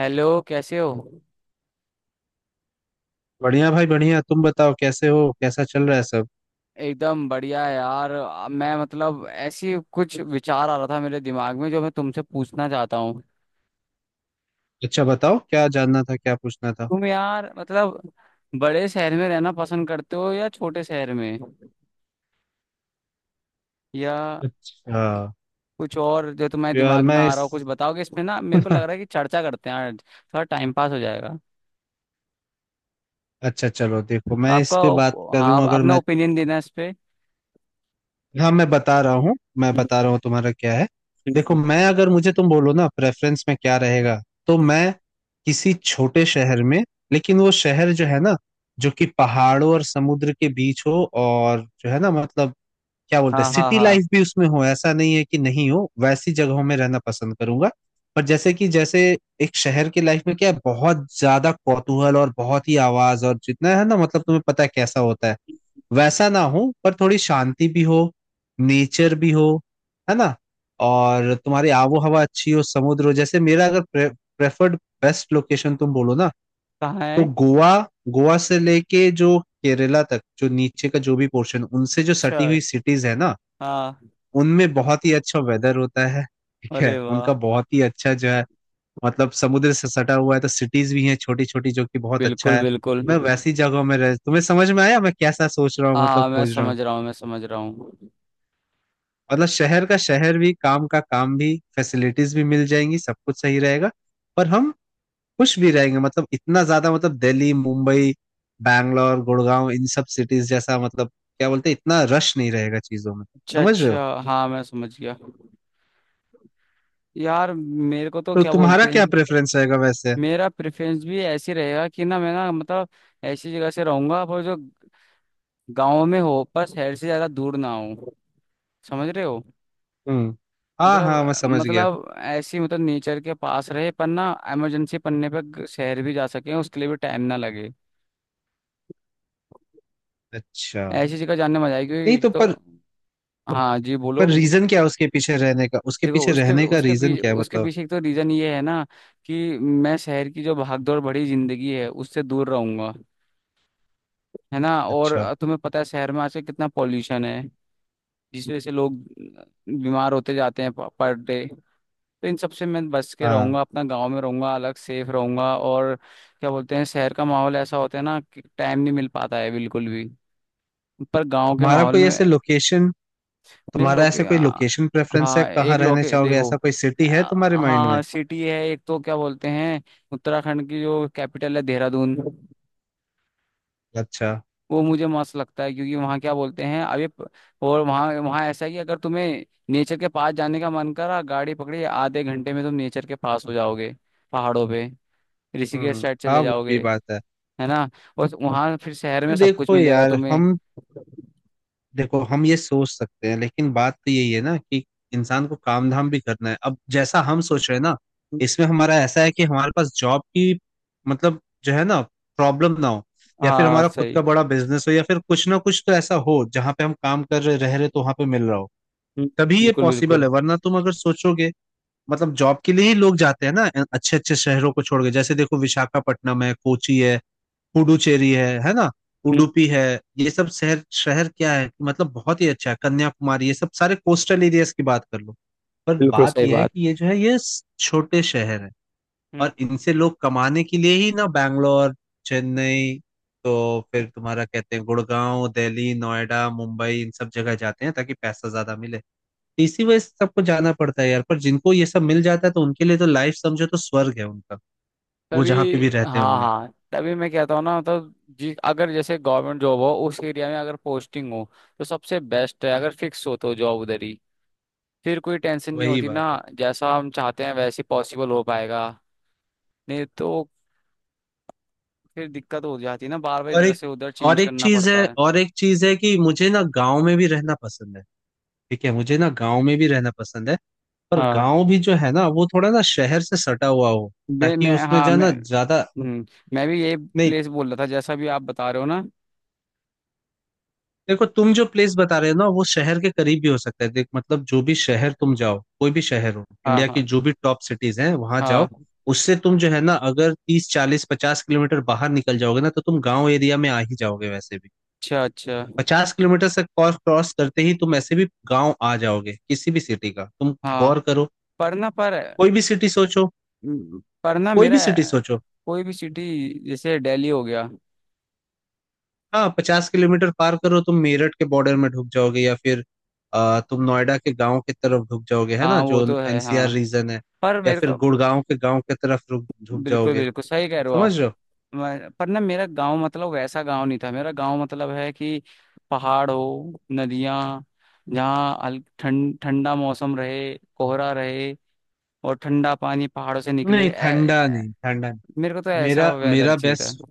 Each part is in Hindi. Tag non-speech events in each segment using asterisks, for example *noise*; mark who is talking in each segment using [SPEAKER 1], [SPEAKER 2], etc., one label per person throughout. [SPEAKER 1] हेलो, कैसे हो?
[SPEAKER 2] बढ़िया भाई बढ़िया। तुम बताओ कैसे हो, कैसा चल रहा है सब?
[SPEAKER 1] एकदम बढ़िया यार। मैं, मतलब, ऐसी कुछ विचार आ रहा था मेरे दिमाग में जो मैं तुमसे पूछना चाहता हूँ।
[SPEAKER 2] अच्छा बताओ, क्या जानना था, क्या पूछना था?
[SPEAKER 1] तुम, यार, मतलब बड़े शहर में रहना पसंद करते हो या छोटे शहर में, या
[SPEAKER 2] अच्छा हाँ।
[SPEAKER 1] कुछ और जो तुम्हारे
[SPEAKER 2] यार
[SPEAKER 1] दिमाग में
[SPEAKER 2] मैं
[SPEAKER 1] आ रहा
[SPEAKER 2] इस
[SPEAKER 1] हो कुछ बताओगे इसमें ना? मेरे को लग रहा है कि
[SPEAKER 2] *laughs*
[SPEAKER 1] चर्चा करते हैं आज, थोड़ा टाइम पास हो जाएगा।
[SPEAKER 2] अच्छा चलो देखो, मैं इस पे बात
[SPEAKER 1] हाँ,
[SPEAKER 2] करूं
[SPEAKER 1] आप
[SPEAKER 2] अगर
[SPEAKER 1] अपना
[SPEAKER 2] मैं।
[SPEAKER 1] ओपिनियन देना इस पे।
[SPEAKER 2] हाँ, मैं बता रहा हूँ मैं
[SPEAKER 1] हम्म,
[SPEAKER 2] बता रहा हूँ तुम्हारा क्या है? देखो
[SPEAKER 1] हम्म,
[SPEAKER 2] मैं, अगर मुझे तुम बोलो ना प्रेफरेंस में क्या रहेगा, तो मैं किसी छोटे शहर में। लेकिन वो शहर जो है ना, जो कि पहाड़ों और समुद्र के बीच हो, और जो है ना मतलब क्या बोलते हैं,
[SPEAKER 1] हाँ हाँ
[SPEAKER 2] सिटी
[SPEAKER 1] हाँ।
[SPEAKER 2] लाइफ भी उसमें हो, ऐसा नहीं है कि नहीं हो, वैसी जगहों में रहना पसंद करूंगा। पर जैसे कि जैसे एक शहर की लाइफ में क्या है, बहुत ज्यादा कौतूहल और बहुत ही आवाज, और जितना है ना मतलब तुम्हें पता है कैसा होता है, वैसा ना हो, पर थोड़ी शांति भी हो, नेचर भी हो, है ना? और तुम्हारी आबो हवा अच्छी हो, समुद्र हो। जैसे मेरा अगर प्रेफर्ड बेस्ट लोकेशन तुम बोलो ना,
[SPEAKER 1] कहाँ
[SPEAKER 2] तो
[SPEAKER 1] है?
[SPEAKER 2] गोवा। गोवा से लेके जो केरला तक, जो नीचे का जो भी पोर्शन उनसे जो
[SPEAKER 1] अच्छा
[SPEAKER 2] सटी
[SPEAKER 1] है।
[SPEAKER 2] हुई सिटीज है ना,
[SPEAKER 1] हाँ।
[SPEAKER 2] उनमें बहुत ही अच्छा वेदर होता है। ठीक है,
[SPEAKER 1] अरे वाह।
[SPEAKER 2] उनका बहुत ही अच्छा जो है मतलब समुद्र से सटा हुआ है, तो सिटीज भी हैं छोटी छोटी, जो कि बहुत अच्छा
[SPEAKER 1] बिल्कुल
[SPEAKER 2] है।
[SPEAKER 1] बिल्कुल।
[SPEAKER 2] मैं वैसी जगहों में रह, तुम्हें समझ में आया मैं कैसा सोच रहा हूँ, मतलब
[SPEAKER 1] हाँ, मैं
[SPEAKER 2] खोज रहा हूँ?
[SPEAKER 1] समझ रहा हूँ, मैं समझ रहा हूँ।
[SPEAKER 2] मतलब शहर का शहर भी, काम का काम भी, फैसिलिटीज भी मिल जाएंगी, सब कुछ सही रहेगा। पर हम खुश भी रहेंगे, मतलब इतना ज्यादा मतलब दिल्ली मुंबई बैंगलोर गुड़गांव इन सब सिटीज जैसा, मतलब क्या बोलते हैं, इतना रश नहीं रहेगा चीजों में।
[SPEAKER 1] अच्छा
[SPEAKER 2] समझ रहे हो?
[SPEAKER 1] अच्छा, हाँ, मैं समझ गया। यार, मेरे को तो
[SPEAKER 2] तो
[SPEAKER 1] क्या
[SPEAKER 2] तुम्हारा
[SPEAKER 1] बोलते
[SPEAKER 2] क्या
[SPEAKER 1] हैं,
[SPEAKER 2] प्रेफरेंस रहेगा वैसे?
[SPEAKER 1] मेरा प्रेफरेंस भी ऐसे रहेगा कि ना, मैं, ना, मतलब ऐसी जगह से रहूंगा पर जो गांव में हो पर शहर से ज्यादा दूर ना हो। समझ रहे हो?
[SPEAKER 2] हम्म। हाँ हाँ, मैं
[SPEAKER 1] मतलब
[SPEAKER 2] समझ गया।
[SPEAKER 1] मतलब ऐसी, मतलब, नेचर के पास रहे पर ना, इमरजेंसी पड़ने पर शहर भी जा सके, उसके लिए भी टाइम ना लगे।
[SPEAKER 2] अच्छा।
[SPEAKER 1] ऐसी जगह जाने में मजा आएगी, क्योंकि
[SPEAKER 2] नहीं
[SPEAKER 1] एक
[SPEAKER 2] तो
[SPEAKER 1] तो,
[SPEAKER 2] पर
[SPEAKER 1] हाँ जी बोलो।
[SPEAKER 2] पर रीजन क्या है उसके पीछे रहने का? उसके
[SPEAKER 1] देखो,
[SPEAKER 2] पीछे
[SPEAKER 1] उसके
[SPEAKER 2] रहने का रीजन क्या है
[SPEAKER 1] उसके
[SPEAKER 2] मतलब?
[SPEAKER 1] पीछे एक तो रीजन ये है ना, कि मैं शहर की जो भागदौड़ भरी जिंदगी है उससे दूर रहूंगा। है ना? और
[SPEAKER 2] अच्छा
[SPEAKER 1] तुम्हें पता है शहर में आजकल कितना पॉल्यूशन है, जिस वजह से लोग बीमार होते जाते हैं पर डे। तो इन सबसे मैं बच के
[SPEAKER 2] हाँ।
[SPEAKER 1] रहूंगा, अपना गांव में रहूंगा, अलग सेफ रहूंगा और क्या बोलते हैं, शहर का माहौल ऐसा होता है ना कि टाइम नहीं मिल पाता है बिल्कुल भी, पर गांव के
[SPEAKER 2] तुम्हारा
[SPEAKER 1] माहौल
[SPEAKER 2] कोई
[SPEAKER 1] में।
[SPEAKER 2] ऐसे लोकेशन
[SPEAKER 1] मेरे
[SPEAKER 2] तुम्हारा
[SPEAKER 1] लोके,
[SPEAKER 2] ऐसे कोई लोकेशन प्रेफरेंस है,
[SPEAKER 1] हाँ, एक
[SPEAKER 2] कहाँ रहने
[SPEAKER 1] लोके,
[SPEAKER 2] चाहोगे?
[SPEAKER 1] देखो,
[SPEAKER 2] ऐसा कोई
[SPEAKER 1] आ,
[SPEAKER 2] सिटी है तुम्हारे
[SPEAKER 1] हाँ
[SPEAKER 2] माइंड में?
[SPEAKER 1] हाँ, सिटी है एक तो, क्या बोलते हैं, उत्तराखंड की जो कैपिटल है, देहरादून।
[SPEAKER 2] अच्छा।
[SPEAKER 1] वो मुझे मस्त लगता है, क्योंकि वहाँ, क्या बोलते हैं, और वहाँ वहाँ ऐसा है कि अगर तुम्हें नेचर के पास जाने का मन करा, गाड़ी पकड़ी, आधे घंटे में तुम नेचर के पास हो जाओगे, पहाड़ों पे, ऋषिकेश
[SPEAKER 2] हम्म।
[SPEAKER 1] साइड
[SPEAKER 2] हाँ
[SPEAKER 1] चले
[SPEAKER 2] वो भी
[SPEAKER 1] जाओगे।
[SPEAKER 2] बात है।
[SPEAKER 1] है ना? और वहाँ फिर शहर में
[SPEAKER 2] फिर
[SPEAKER 1] सब कुछ
[SPEAKER 2] देखो
[SPEAKER 1] मिलेगा
[SPEAKER 2] यार
[SPEAKER 1] तुम्हें।
[SPEAKER 2] हम, देखो हम ये सोच सकते हैं, लेकिन बात तो यही है ना कि इंसान को काम धाम भी करना है। अब जैसा हम सोच रहे हैं ना, इसमें हमारा ऐसा है कि हमारे पास जॉब की मतलब जो है ना, प्रॉब्लम ना हो। या फिर
[SPEAKER 1] हाँ,
[SPEAKER 2] हमारा खुद
[SPEAKER 1] सही।
[SPEAKER 2] का बड़ा बिजनेस हो, या फिर कुछ ना कुछ तो ऐसा हो जहाँ पे हम काम कर रहे, रह रहे, तो वहां पे मिल रहा हो।
[SPEAKER 1] हम्म,
[SPEAKER 2] तभी ये
[SPEAKER 1] बिल्कुल
[SPEAKER 2] पॉसिबल
[SPEAKER 1] बिल्कुल।
[SPEAKER 2] है, वरना तुम अगर सोचोगे मतलब जॉब के लिए ही लोग जाते हैं ना, अच्छे अच्छे शहरों को छोड़ के। जैसे देखो विशाखापट्टनम है, कोची है, पुडुचेरी है ना,
[SPEAKER 1] हम्म,
[SPEAKER 2] उडुपी है, ये सब शहर, शहर क्या है मतलब, बहुत ही अच्छा है। कन्याकुमारी, ये सब सारे कोस्टल एरियाज की बात कर लो। पर
[SPEAKER 1] बिल्कुल
[SPEAKER 2] बात
[SPEAKER 1] सही
[SPEAKER 2] ये है
[SPEAKER 1] बात।
[SPEAKER 2] कि ये जो है, ये छोटे शहर है। और इनसे लोग कमाने के लिए ही ना बैंगलोर, चेन्नई, तो फिर तुम्हारा कहते हैं गुड़गांव, दिल्ली, नोएडा, मुंबई, इन सब जगह जाते हैं ताकि पैसा ज्यादा मिले। तो इसी वजह से सबको जाना पड़ता है यार। पर जिनको ये सब मिल जाता है, तो उनके लिए तो लाइफ समझो, तो स्वर्ग है उनका, वो
[SPEAKER 1] तभी,
[SPEAKER 2] जहाँ पे भी रहते
[SPEAKER 1] हाँ
[SPEAKER 2] होंगे।
[SPEAKER 1] हाँ, तभी मैं कहता हूँ ना, मतलब, जी, अगर जैसे गवर्नमेंट जॉब हो उस एरिया में, अगर पोस्टिंग हो तो सबसे बेस्ट है, अगर फिक्स हो तो जॉब उधर ही, फिर कोई टेंशन नहीं
[SPEAKER 2] वही
[SPEAKER 1] होती
[SPEAKER 2] बात है।
[SPEAKER 1] ना। जैसा हम चाहते हैं वैसे पॉसिबल हो पाएगा, नहीं तो फिर दिक्कत हो जाती है ना, बार बार
[SPEAKER 2] और
[SPEAKER 1] इधर
[SPEAKER 2] एक,
[SPEAKER 1] से उधर
[SPEAKER 2] और
[SPEAKER 1] चेंज
[SPEAKER 2] एक
[SPEAKER 1] करना
[SPEAKER 2] चीज
[SPEAKER 1] पड़ता
[SPEAKER 2] है
[SPEAKER 1] है।
[SPEAKER 2] और एक चीज है कि मुझे ना गांव में भी रहना पसंद है। ठीक है, मुझे ना गांव में भी रहना पसंद है। पर
[SPEAKER 1] हाँ।
[SPEAKER 2] गांव भी जो है ना, वो थोड़ा ना शहर से सटा हुआ हो,
[SPEAKER 1] मैं
[SPEAKER 2] ताकि
[SPEAKER 1] मैं
[SPEAKER 2] उसमें
[SPEAKER 1] हाँ, मैं,
[SPEAKER 2] जाना ज्यादा
[SPEAKER 1] हम्म, मैं भी यही
[SPEAKER 2] नहीं।
[SPEAKER 1] प्लेस बोल रहा था जैसा भी आप बता रहे हो ना।
[SPEAKER 2] देखो, तुम जो प्लेस बता रहे हो ना, वो शहर के करीब भी हो सकता है। देख मतलब जो भी शहर तुम जाओ, कोई भी शहर हो,
[SPEAKER 1] हाँ
[SPEAKER 2] इंडिया की
[SPEAKER 1] हाँ
[SPEAKER 2] जो भी टॉप सिटीज हैं वहां जाओ,
[SPEAKER 1] हाँ।
[SPEAKER 2] उससे तुम जो है ना, अगर 30 40 50 किलोमीटर बाहर निकल जाओगे ना, तो तुम गांव एरिया में आ ही जाओगे वैसे भी।
[SPEAKER 1] अच्छा अच्छा,
[SPEAKER 2] 50 किलोमीटर से क्रॉस क्रॉस करते ही, तुम ऐसे भी गांव आ जाओगे किसी भी सिटी का। तुम
[SPEAKER 1] हाँ।
[SPEAKER 2] गौर करो,
[SPEAKER 1] पर ना, पर,
[SPEAKER 2] कोई भी सिटी सोचो,
[SPEAKER 1] पर ना
[SPEAKER 2] कोई
[SPEAKER 1] मेरा,
[SPEAKER 2] भी सिटी सोचो।
[SPEAKER 1] कोई भी सिटी, जैसे दिल्ली हो गया।
[SPEAKER 2] हाँ पचास किलोमीटर पार करो, तुम मेरठ के बॉर्डर में ढुक जाओगे, या फिर तुम नोएडा के गांव की तरफ ढुक जाओगे, है ना,
[SPEAKER 1] हाँ, वो
[SPEAKER 2] जो
[SPEAKER 1] तो है।
[SPEAKER 2] एनसीआर
[SPEAKER 1] हाँ,
[SPEAKER 2] रीजन है।
[SPEAKER 1] पर
[SPEAKER 2] या
[SPEAKER 1] मेरे
[SPEAKER 2] फिर
[SPEAKER 1] को,
[SPEAKER 2] गुड़गांव के गांव की तरफ ढुक
[SPEAKER 1] बिल्कुल
[SPEAKER 2] जाओगे।
[SPEAKER 1] बिल्कुल सही कह रहे हो आप।
[SPEAKER 2] समझ रहे हो?
[SPEAKER 1] पर ना, मेरा गांव मतलब वैसा गांव नहीं था, मेरा गांव मतलब है कि पहाड़ हो, नदियां, जहाँ ठंड, ठंडा मौसम रहे, कोहरा रहे, और ठंडा पानी पहाड़ों से निकले।
[SPEAKER 2] नहीं ठंडा
[SPEAKER 1] ऐ-
[SPEAKER 2] नहीं, ठंडा नहीं।
[SPEAKER 1] मेरे को तो ऐसा
[SPEAKER 2] मेरा
[SPEAKER 1] वेदर चाहिए था।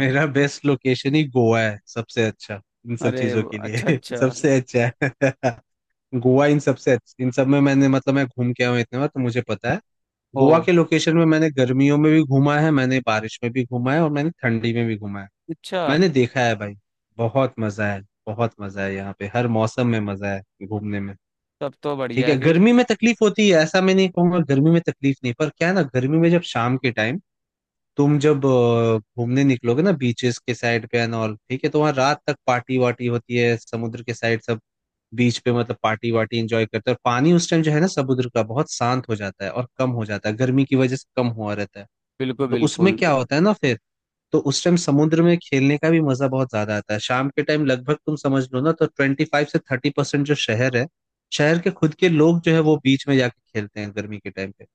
[SPEAKER 2] मेरा बेस्ट लोकेशन ही गोवा है, सबसे अच्छा। इन सब
[SPEAKER 1] अरे,
[SPEAKER 2] चीजों के
[SPEAKER 1] अच्छा
[SPEAKER 2] लिए *laughs*
[SPEAKER 1] अच्छा,
[SPEAKER 2] सबसे अच्छा है। *laughs* गोवा इन सबसे अच्छी, इन सब में मैंने मतलब, मैं घूम के आया हूँ इतने बार तो मुझे पता है।
[SPEAKER 1] ओ,
[SPEAKER 2] गोवा के लोकेशन में मैंने गर्मियों में भी घूमा है, मैंने बारिश में भी घूमा है, और मैंने ठंडी में भी घूमा है।
[SPEAKER 1] अच्छा,
[SPEAKER 2] मैंने देखा है भाई। बहुत मजा है। बहुत मजा है यहाँ पे, हर मौसम में मजा है घूमने में।
[SPEAKER 1] तब तो बढ़िया
[SPEAKER 2] ठीक
[SPEAKER 1] है
[SPEAKER 2] है
[SPEAKER 1] फिर।
[SPEAKER 2] गर्मी में तकलीफ होती है, ऐसा मैं नहीं कहूंगा, गर्मी में तकलीफ नहीं, पर क्या है ना, गर्मी में जब शाम के टाइम तुम जब घूमने निकलोगे ना, बीचेस के साइड पे एंड ऑल, ठीक है, तो वहाँ रात तक पार्टी वार्टी होती है, समुद्र के साइड सब बीच पे, मतलब पार्टी वार्टी एंजॉय करते हैं, और पानी उस टाइम जो है ना, समुद्र का बहुत शांत हो जाता है और कम हो जाता है, गर्मी की वजह से कम हुआ रहता है।
[SPEAKER 1] बिल्कुल
[SPEAKER 2] तो उसमें
[SPEAKER 1] बिल्कुल।
[SPEAKER 2] क्या होता है ना फिर, तो उस टाइम समुद्र में खेलने का भी मजा बहुत ज्यादा आता है शाम के टाइम। लगभग तुम समझ लो ना, तो 25 से 30% जो शहर है, शहर के खुद के लोग जो है, वो बीच में जाके खेलते हैं गर्मी के टाइम पे।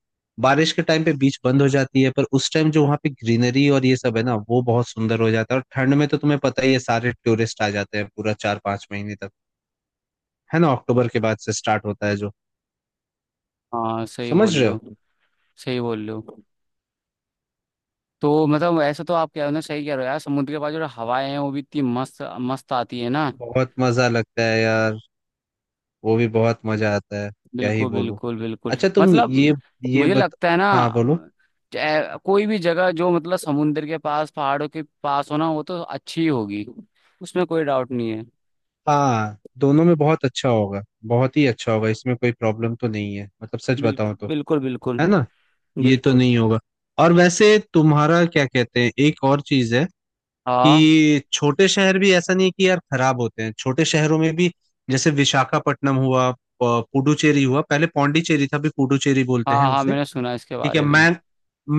[SPEAKER 2] बारिश के टाइम पे बीच बंद हो जाती है, पर उस टाइम जो वहाँ पे ग्रीनरी और ये सब है ना, वो बहुत सुंदर हो जाता है। और ठंड में तो तुम्हें पता ही है, सारे टूरिस्ट आ जाते हैं पूरा 4 5 महीने तक, है ना, अक्टूबर के बाद से स्टार्ट होता है जो।
[SPEAKER 1] हाँ, सही
[SPEAKER 2] समझ
[SPEAKER 1] बोल
[SPEAKER 2] रहे
[SPEAKER 1] रहे
[SPEAKER 2] हो?
[SPEAKER 1] हो, सही बोल रहे हो। तो मतलब ऐसा तो आप कह रहे हो ना, सही कह रहे हो यार, समुद्र के पास जो हवाएं हैं वो भी इतनी मस्त मस्त आती है ना।
[SPEAKER 2] बहुत मजा लगता है यार। वो भी बहुत मजा आता है, क्या ही
[SPEAKER 1] बिल्कुल
[SPEAKER 2] बोलूं।
[SPEAKER 1] बिल्कुल बिल्कुल।
[SPEAKER 2] अच्छा तुम
[SPEAKER 1] मतलब,
[SPEAKER 2] ये
[SPEAKER 1] मुझे
[SPEAKER 2] बत
[SPEAKER 1] लगता है ना,
[SPEAKER 2] हाँ बोलो।
[SPEAKER 1] कोई भी जगह जो मतलब समुद्र के पास, पहाड़ों के पास हो ना, वो तो अच्छी ही होगी, उसमें कोई डाउट नहीं है।
[SPEAKER 2] हाँ दोनों में बहुत अच्छा होगा, बहुत ही अच्छा होगा, इसमें कोई प्रॉब्लम तो नहीं है, मतलब सच बताऊं
[SPEAKER 1] बिल्कुल
[SPEAKER 2] तो,
[SPEAKER 1] बिल्कुल बिल्कुल
[SPEAKER 2] है ना, ये तो
[SPEAKER 1] बिल्कुल।
[SPEAKER 2] नहीं होगा। और वैसे तुम्हारा क्या कहते हैं, एक और चीज है
[SPEAKER 1] हाँ
[SPEAKER 2] कि छोटे शहर भी ऐसा नहीं है कि यार खराब होते हैं, छोटे शहरों में भी जैसे विशाखापट्टनम हुआ, पुडुचेरी हुआ, पहले पौंडीचेरी था, अभी पुडुचेरी बोलते हैं
[SPEAKER 1] हाँ हाँ,
[SPEAKER 2] उसे।
[SPEAKER 1] मैंने सुना इसके
[SPEAKER 2] ठीक है,
[SPEAKER 1] बारे में।
[SPEAKER 2] मैंग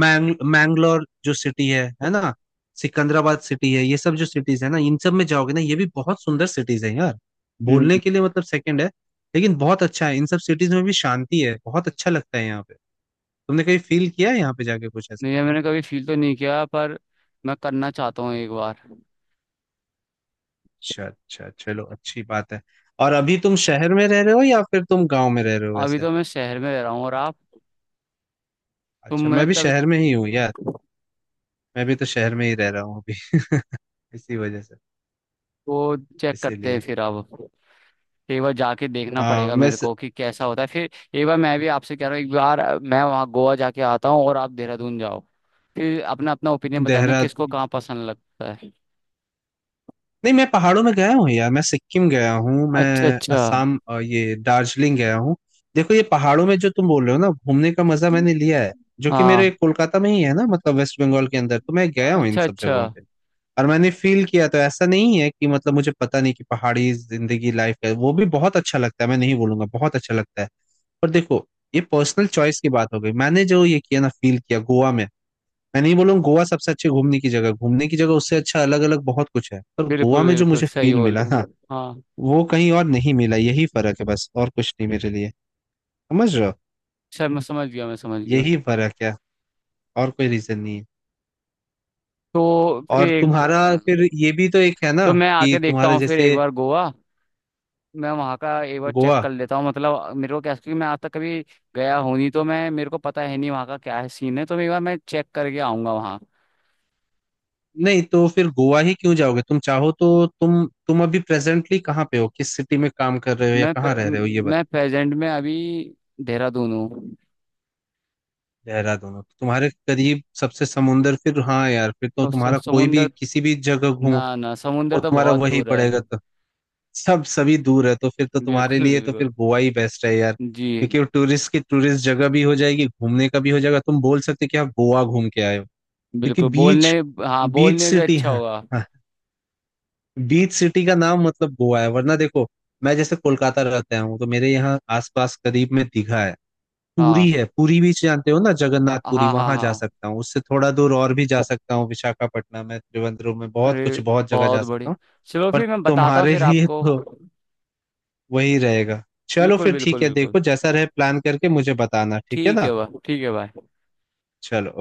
[SPEAKER 2] मैंग मैंगलोर जो सिटी है ना, सिकंदराबाद सिटी है, ये सब जो सिटीज है ना, इन सब में जाओगे ना, ये भी बहुत सुंदर सिटीज है यार,
[SPEAKER 1] हम्म।
[SPEAKER 2] बोलने के लिए मतलब सेकंड है, लेकिन बहुत अच्छा है इन सब सिटीज में भी, शांति है, बहुत अच्छा लगता है यहाँ पे। तुमने कहीं फील किया है यहाँ पे जाके कुछ ऐसा?
[SPEAKER 1] नहीं यार, मैंने कभी फील तो नहीं किया, पर मैं करना चाहता हूँ एक बार।
[SPEAKER 2] अच्छा अच्छा चलो, अच्छी बात है। और अभी तुम शहर में रह रहे हो, या फिर तुम गांव में रह रहे हो
[SPEAKER 1] अभी
[SPEAKER 2] वैसे?
[SPEAKER 1] तो मैं शहर में रह रहा हूँ, और आप? तुम,
[SPEAKER 2] अच्छा,
[SPEAKER 1] मैं,
[SPEAKER 2] मैं भी
[SPEAKER 1] तब,
[SPEAKER 2] शहर में ही हूँ यार, मैं भी तो शहर में ही रह रहा हूँ अभी। *laughs* इसी वजह से
[SPEAKER 1] वो चेक करते हैं
[SPEAKER 2] इसीलिए
[SPEAKER 1] फिर अब, एक बार जाके देखना
[SPEAKER 2] आ,
[SPEAKER 1] पड़ेगा
[SPEAKER 2] मैं
[SPEAKER 1] मेरे
[SPEAKER 2] स-
[SPEAKER 1] को कि कैसा होता है फिर। एक बार मैं भी आपसे कह रहा हूँ, एक बार मैं वहाँ गोवा जाके आता हूँ और आप देहरादून जाओ, फिर अपना अपना ओपिनियन बताना किसको
[SPEAKER 2] देहरादून।
[SPEAKER 1] कहाँ पसंद लगता है।
[SPEAKER 2] नहीं मैं पहाड़ों में गया हूँ यार, मैं सिक्किम गया हूँ,
[SPEAKER 1] अच्छा
[SPEAKER 2] मैं
[SPEAKER 1] अच्छा,
[SPEAKER 2] असम ये दार्जिलिंग गया हूँ। देखो ये पहाड़ों में जो तुम बोल रहे हो ना, घूमने का मजा मैंने लिया है, जो कि मेरे
[SPEAKER 1] हाँ।
[SPEAKER 2] कोलकाता में ही है ना, मतलब वेस्ट बंगाल के अंदर तो मैं गया हूँ इन
[SPEAKER 1] अच्छा
[SPEAKER 2] सब
[SPEAKER 1] अच्छा।
[SPEAKER 2] जगहों पे। और मैंने फील किया, तो ऐसा नहीं है कि मतलब मुझे पता नहीं कि पहाड़ी जिंदगी लाइफ है, वो भी बहुत अच्छा लगता है, मैं नहीं बोलूंगा बहुत अच्छा लगता है। पर देखो, ये पर्सनल चॉइस की बात हो गई। मैंने जो ये किया ना, फील किया गोवा में, मैं नहीं बोलूंगा गोवा सबसे अच्छी घूमने की जगह, घूमने की जगह उससे अच्छा अलग अलग बहुत कुछ है, पर गोवा
[SPEAKER 1] बिल्कुल
[SPEAKER 2] में जो
[SPEAKER 1] बिल्कुल,
[SPEAKER 2] मुझे
[SPEAKER 1] सही
[SPEAKER 2] फील
[SPEAKER 1] बोल
[SPEAKER 2] मिला
[SPEAKER 1] रहे
[SPEAKER 2] ना,
[SPEAKER 1] हो, हाँ।
[SPEAKER 2] वो कहीं और नहीं मिला। यही फर्क है बस, और कुछ नहीं मेरे लिए। समझ रहे हो?
[SPEAKER 1] सर, मैं समझ गया, मैं समझ गया।
[SPEAKER 2] यही फर्क है, और कोई रीजन नहीं है।
[SPEAKER 1] तो फिर
[SPEAKER 2] और तुम्हारा फिर
[SPEAKER 1] एक,
[SPEAKER 2] ये भी तो एक है ना,
[SPEAKER 1] तो मैं
[SPEAKER 2] कि
[SPEAKER 1] आके देखता
[SPEAKER 2] तुम्हारे
[SPEAKER 1] हूँ फिर एक
[SPEAKER 2] जैसे
[SPEAKER 1] बार गोवा, मैं वहाँ का एक बार चेक
[SPEAKER 2] गोवा,
[SPEAKER 1] कर लेता हूँ, मतलब मेरे को क्या, क्योंकि मैं आज तक कभी गया हूँ नहीं तो, मैं, मेरे को पता है नहीं वहाँ का क्या है, सीन है, तो मैं एक बार, मैं चेक करके आऊँगा वहाँ।
[SPEAKER 2] नहीं तो फिर गोवा ही क्यों जाओगे। तुम चाहो तो तुम अभी प्रेजेंटली कहाँ पे हो, किस सिटी में काम कर रहे हो, या कहाँ रह रहे हो, ये
[SPEAKER 1] मैं
[SPEAKER 2] बताओ।
[SPEAKER 1] प्रेजेंट में अभी देहरादून हूँ।
[SPEAKER 2] देहरादून हो। तुम्हारे करीब सबसे समुंदर फिर, हाँ यार फिर तो
[SPEAKER 1] तो
[SPEAKER 2] तुम्हारा कोई भी
[SPEAKER 1] समुंदर,
[SPEAKER 2] किसी भी जगह घूमो,
[SPEAKER 1] ना ना, समुंदर
[SPEAKER 2] वो
[SPEAKER 1] तो
[SPEAKER 2] तुम्हारा
[SPEAKER 1] बहुत
[SPEAKER 2] वही
[SPEAKER 1] दूर है।
[SPEAKER 2] पड़ेगा। तो सब सभी दूर है, तो फिर तो तुम्हारे
[SPEAKER 1] बिल्कुल
[SPEAKER 2] लिए तो फिर
[SPEAKER 1] बिल्कुल।
[SPEAKER 2] गोवा ही बेस्ट है यार,
[SPEAKER 1] जी,
[SPEAKER 2] क्योंकि वो टूरिस्ट की टूरिस्ट जगह भी हो जाएगी, घूमने का भी हो जाएगा, तुम बोल सकते हो कि आप गोवा घूम के आए हो। क्योंकि
[SPEAKER 1] बिल्कुल बोलने,
[SPEAKER 2] बीच,
[SPEAKER 1] हाँ,
[SPEAKER 2] बीच
[SPEAKER 1] बोलने भी
[SPEAKER 2] सिटी
[SPEAKER 1] अच्छा
[SPEAKER 2] है,
[SPEAKER 1] होगा।
[SPEAKER 2] बीच सिटी का नाम मतलब गोवा है। वरना देखो, मैं जैसे कोलकाता रहता हूँ तो मेरे यहाँ आसपास करीब में दीघा है, पुरी
[SPEAKER 1] हाँ
[SPEAKER 2] है, पुरी बीच जानते हो ना,
[SPEAKER 1] हाँ
[SPEAKER 2] जगन्नाथ पुरी,
[SPEAKER 1] हाँ हाँ
[SPEAKER 2] वहां जा
[SPEAKER 1] हाँ।
[SPEAKER 2] सकता हूँ, उससे थोड़ा दूर और भी जा सकता हूँ विशाखापट्टनम में, त्रिवेंद्रम में, बहुत कुछ,
[SPEAKER 1] अरे,
[SPEAKER 2] बहुत जगह जा
[SPEAKER 1] बहुत
[SPEAKER 2] सकता
[SPEAKER 1] बढ़िया।
[SPEAKER 2] हूँ।
[SPEAKER 1] चलो
[SPEAKER 2] पर
[SPEAKER 1] फिर मैं बताता हूँ
[SPEAKER 2] तुम्हारे
[SPEAKER 1] फिर
[SPEAKER 2] लिए
[SPEAKER 1] आपको,
[SPEAKER 2] तो
[SPEAKER 1] बिल्कुल
[SPEAKER 2] वही रहेगा। चलो
[SPEAKER 1] बिल्कुल
[SPEAKER 2] फिर
[SPEAKER 1] बिल्कुल।
[SPEAKER 2] ठीक है, देखो जैसा रहे प्लान करके मुझे बताना, ठीक है
[SPEAKER 1] ठीक
[SPEAKER 2] ना?
[SPEAKER 1] है भाई, ठीक है भाई।
[SPEAKER 2] चलो।